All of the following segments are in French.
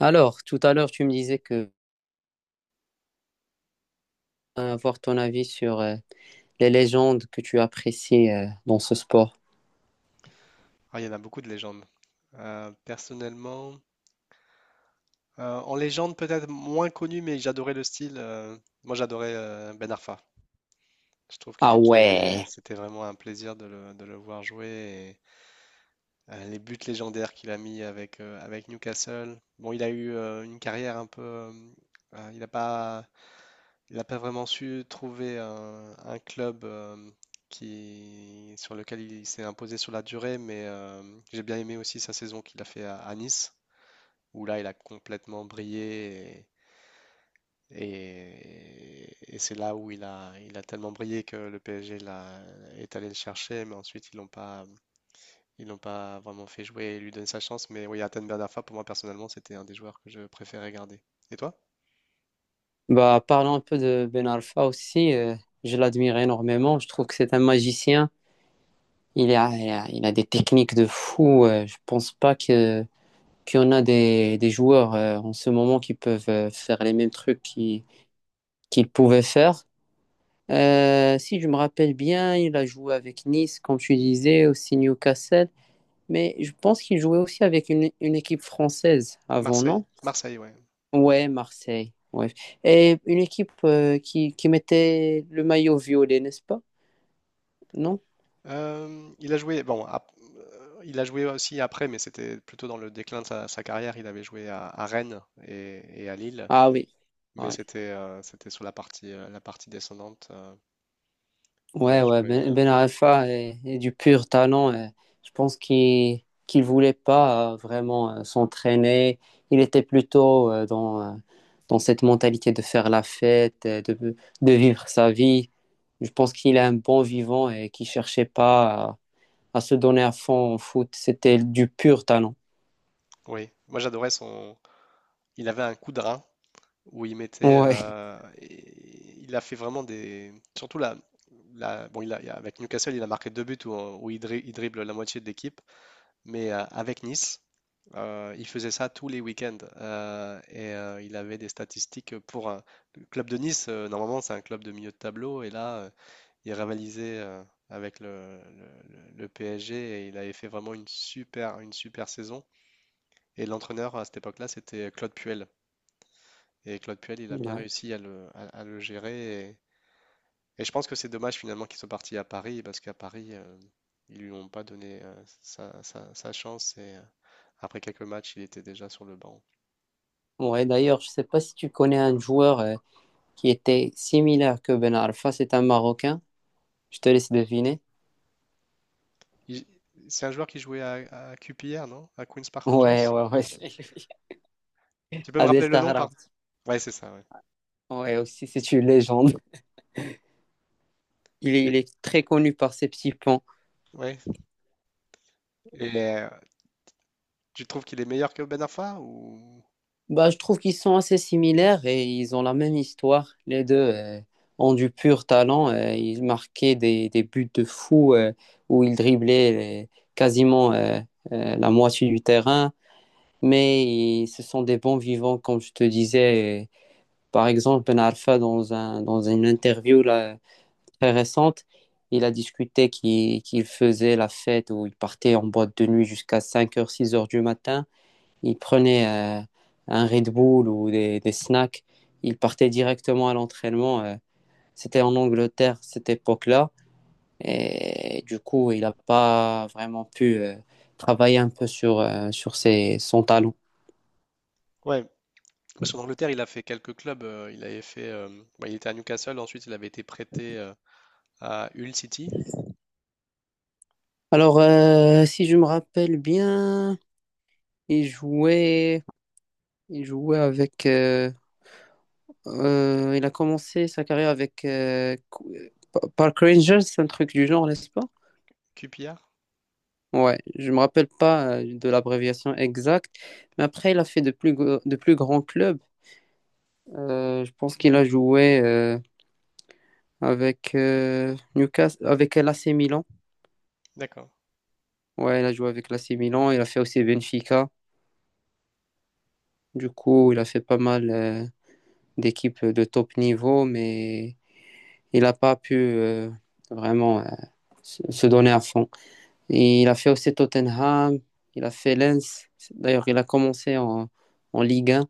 Alors, tout à l'heure, tu me disais que avoir ton avis sur les légendes que tu apprécies dans ce sport. Ah, il y en a beaucoup de légendes. Personnellement, en légende peut-être moins connu, mais j'adorais le style. Moi, j'adorais Ben Arfa. Je trouve Ah ouais. c'était vraiment un plaisir de de le voir jouer. Et, les buts légendaires qu'il a mis avec, avec Newcastle. Bon, il a eu une carrière un peu. Euh, il n'a pas, il a pas vraiment su trouver un club qui, sur lequel il s'est imposé sur la durée, mais j'ai bien aimé aussi sa saison qu'il a fait à Nice, où là il a complètement brillé et, et c'est là où il il a tellement brillé que le PSG est allé le chercher, mais ensuite ils l'ont pas vraiment fait jouer et lui donner sa chance. Mais oui, Hatem Ben Arfa, pour moi personnellement, c'était un des joueurs que je préférais garder. Et toi? Bah, parlons un peu de Ben Arfa aussi. Je l'admire énormément. Je trouve que c'est un magicien. Il a des techniques de fou. Je pense pas que qu'il y en a des joueurs en ce moment qui peuvent faire les mêmes trucs qu'il pouvait faire. Si je me rappelle bien, il a joué avec Nice, comme tu disais, aussi Newcastle. Mais je pense qu'il jouait aussi avec une équipe française avant, Marseille, non? Marseille, ouais. Ouais, Marseille. Ouais. Et une équipe qui mettait le maillot violet, n'est-ce pas? Non? Euh, il a joué, bon, ap- il a joué aussi après, mais c'était plutôt dans le déclin de sa carrière. Il avait joué à Rennes et à Lille, Ah oui. mais Ouais, c'était c'était sur la partie descendante. Il a ouais, ouais. joué. Ben Arfa est du pur talent. Et je pense qu'il voulait pas vraiment s'entraîner. Il était plutôt dans cette mentalité de faire la fête, de vivre sa vie. Je pense qu'il est un bon vivant et qu'il cherchait pas à se donner à fond au foot. C'était du pur talent. Oui, moi j'adorais son. Il avait un coup de rein où il mettait. Ouais, Et il a fait vraiment des. Surtout Bon, avec Newcastle, il a marqué deux buts où il dribble la moitié de l'équipe. Mais avec Nice, il faisait ça tous les week-ends. Il avait des statistiques pour un. Le club de Nice, normalement, c'est un club de milieu de tableau. Et là, il rivalisait avec le PSG, et il avait fait vraiment une super saison. Et l'entraîneur à cette époque-là, c'était Claude Puel. Et Claude Puel, il a bien ouais. réussi à à le gérer. Et je pense que c'est dommage finalement qu'il soit parti à Paris, parce qu'à Paris, ils lui ont pas donné sa chance. Et après quelques matchs, il était déjà sur le banc. Ouais, d'ailleurs, je sais pas si tu connais un joueur qui était similaire que Ben Arfa, c'est un Marocain. Je te laisse deviner. Il- C'est un joueur qui jouait à QPR, non? À Queen's Park Ouais, Rangers? ouais, ouais, c'est lui. Tu peux me rappeler Adel le nom, pardon? Taarabt. Ouais, c'est ça, ouais. Ouais, aussi, c'est une légende. Il Et, est très connu par ses petits ponts. ouais. Et tu trouves qu'il est meilleur que Ben Arfa ou... Bah, je trouve qu'ils sont assez similaires et ils ont la même histoire. Les deux ont du pur talent. Ils marquaient des buts de fou où ils driblaient quasiment la moitié du terrain. Mais ce sont des bons vivants, comme je te disais. Et par exemple, Ben Arfa, dans une interview là, très récente, il a discuté qu'il faisait la fête où il partait en boîte de nuit jusqu'à cinq heures six heures du matin. Ils prenaient un Red Bull ou des snacks, ils partaient directement à l'entraînement. C'était en Angleterre, cette époque-là. Et du coup, il n'a pas vraiment pu travailler un peu sur ses, son talent. Ouais, parce qu'en Angleterre, il a fait quelques clubs. Il avait fait, bah, il était à Newcastle, ensuite il avait été prêté à Hull City, Alors, si je me rappelle bien, il jouait, il jouait avec. Il a commencé sa carrière avec Park Rangers, un truc du genre, n'est-ce pas? QPR. Ouais, je me rappelle pas de l'abréviation exacte, mais après il a fait de plus grands clubs. Je pense qu'il a joué avec Newcastle, avec l'AC Milan. D'accord. Ouais, il a joué avec l'AC Milan. Il a fait aussi Benfica. Du coup, il a fait pas mal d'équipes de top niveau, mais il n'a pas pu vraiment se donner à fond. Et il a fait aussi Tottenham. Il a fait Lens. D'ailleurs, il a commencé en Ligue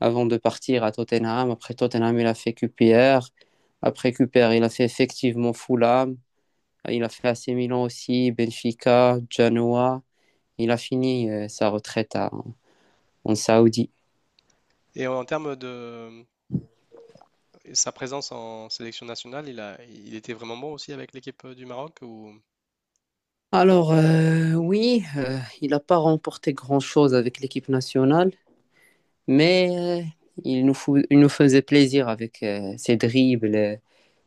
avant de partir à Tottenham. Après Tottenham, il a fait QPR. Après QPR, il a fait effectivement Fulham. Il a fait AC Milan aussi, Benfica, Genoa. Il a fini sa retraite en Saoudi. Et en termes de sa présence en sélection nationale, il était vraiment bon aussi avec l'équipe du Maroc ou... Alors, oui, il n'a pas remporté grand-chose avec l'équipe nationale, mais il nous faisait plaisir avec ses dribbles,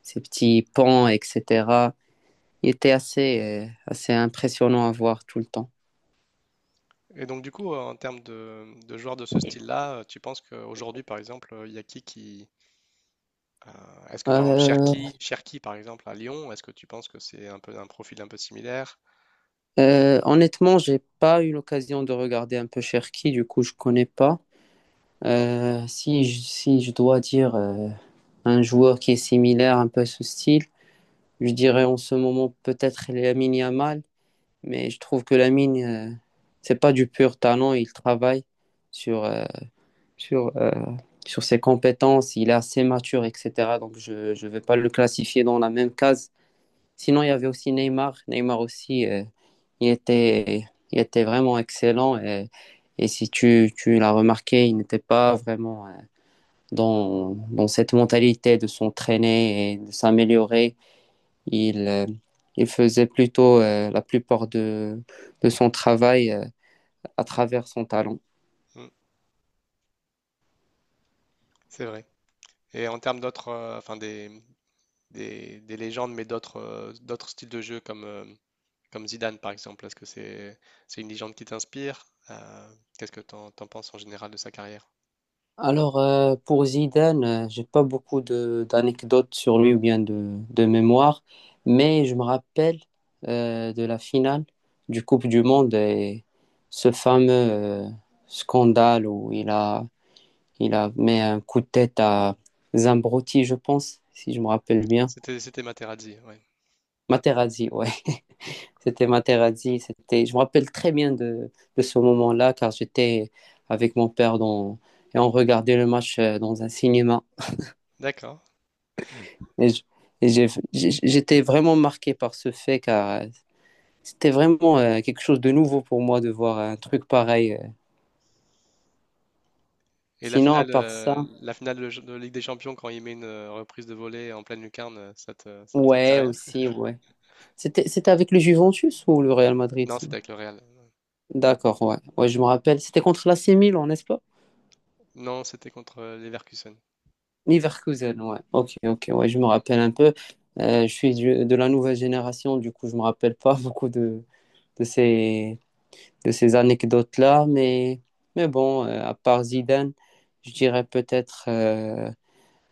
ses petits pans, etc. Il était assez impressionnant à voir tout le temps. Et donc du coup, en termes de joueurs de ce style-là, tu penses qu'aujourd'hui, par exemple, il y a qui... est-ce que par exemple Euh, Cherki par exemple à Lyon, est-ce que tu penses que c'est un peu un profil un peu similaire? Honnêtement, j'ai pas eu l'occasion de regarder un peu Cherki, du coup, je connais pas. Si je dois dire un joueur qui est similaire, un peu à ce style, je dirais en ce moment peut-être Lamine Yamal, mais je trouve que Lamine, c'est pas du pur talent, il travaille sur, euh, sur, euh, sur ses compétences, il est assez mature, etc. Donc je ne vais pas le classifier dans la même case. Sinon, il y avait aussi Neymar. Neymar aussi, il était, il était vraiment excellent. Et si tu l'as remarqué, il n'était pas vraiment dans cette mentalité de s'entraîner et de s'améliorer. Il, euh, il faisait plutôt la plupart de son travail à travers son talent. Hmm, c'est vrai. Et en termes d'autres, enfin des légendes, mais d'autres d'autres styles de jeu comme, comme Zidane par exemple? Est-ce que c'est une légende qui t'inspire? Qu'est-ce que t'en penses en général de sa carrière? Alors, pour Zidane, j'ai pas beaucoup de d'anecdotes sur lui ou bien de mémoire, mais je me rappelle de la finale du Coupe du Monde et ce fameux scandale où il a mis un coup de tête à Zambrotti, je pense, si je me rappelle bien. C'était Materazzi, ouais. Materazzi, ouais, c'était Materazzi. C'était, je me rappelle très bien de ce moment-là car j'étais avec mon père, et on regardait le match dans un cinéma. D'accord. Et je- et j'ai- j'ai, j'étais vraiment marqué par ce fait car c'était vraiment quelque chose de nouveau pour moi de voir un truc pareil. Et Sinon, à part ça, la finale de Ligue des Champions quand il met une reprise de volée en pleine lucarne, ça te dit ouais, rien? aussi, ouais. C'était avec le Juventus ou le Real Madrid? Non, Ça c'était avec le Real. D'accord, ouais. Ouais, je me rappelle. C'était contre l'AC Milan, n'est-ce pas? Non, c'était contre Leverkusen. Leverkusen, ouais. Ok, ok, ouais, je me rappelle un peu. Je suis de la nouvelle génération, du coup, je me rappelle pas beaucoup de ces, de ces anecdotes-là. Mais bon, à part Zidane, je dirais peut-être euh,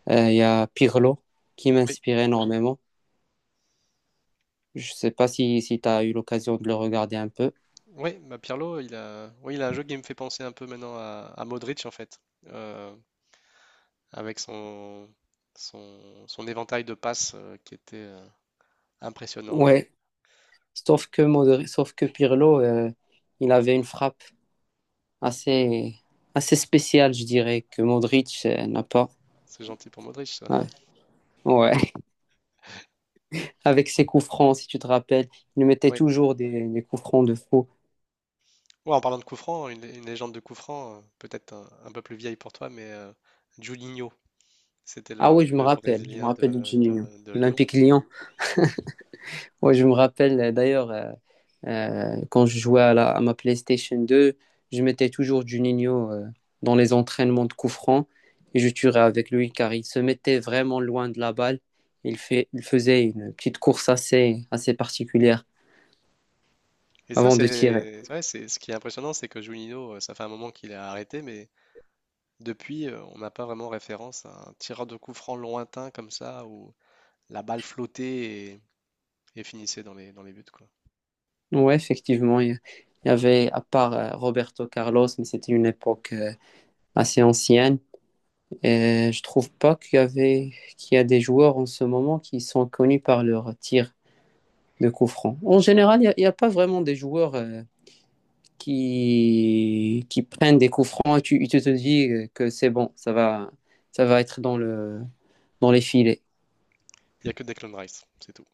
euh, il y a Pirlo qui Oui, m'inspire énormément. Je sais pas si, si tu as eu l'occasion de le regarder un peu. oui, bah Pirlo, oui, il a un jeu qui me fait penser un peu maintenant à Modric en fait. Euh, Avec son, son éventail de passes qui était impressionnant. Ouais, sauf que, sauf que Pirlo, il avait une frappe assez, assez spéciale, je dirais, que Modric n'a pas. C'est gentil pour Modric, ça. Ouais. Ouais. Avec ses coups francs, si tu te rappelles, il mettait Oui. toujours des coups francs de fou. Ouais, en parlant de coup franc, hein, une légende de coup franc, peut-être un peu plus vieille pour toi, mais Juninho, c'était Ah oui, le je me Brésilien rappelle de Juninho, de Lyon. l'Olympique Lyon. Ouais, je me rappelle d'ailleurs, quand je jouais à ma PlayStation 2, je mettais toujours Juninho dans les entraînements de coup franc et je tirais avec lui car il se mettait vraiment loin de la balle. Il faisait une petite course assez particulière Et ça, avant de tirer. c'est ouais, c'est ce qui est impressionnant, c'est que Julinho, ça fait un moment qu'il est arrêté, mais depuis, on n'a pas vraiment référence à un tireur de coup franc lointain comme ça, où la balle flottait et finissait dans dans les buts, quoi. Ouais, effectivement, il y avait à part Roberto Carlos, mais c'était une époque assez ancienne. Et je trouve pas qu'il y a des joueurs en ce moment qui sont connus par leur tir de coups francs. En général, a pas vraiment des joueurs qui prennent des coups francs et tu te dis que c'est bon, ça va être dans le, dans les filets. Il n'y a que Declan Rice, c'est tout.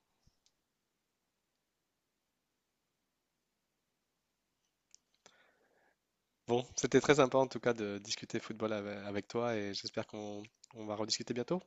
Bon, c'était très sympa en tout cas de discuter football avec toi et j'espère qu'on on va rediscuter bientôt.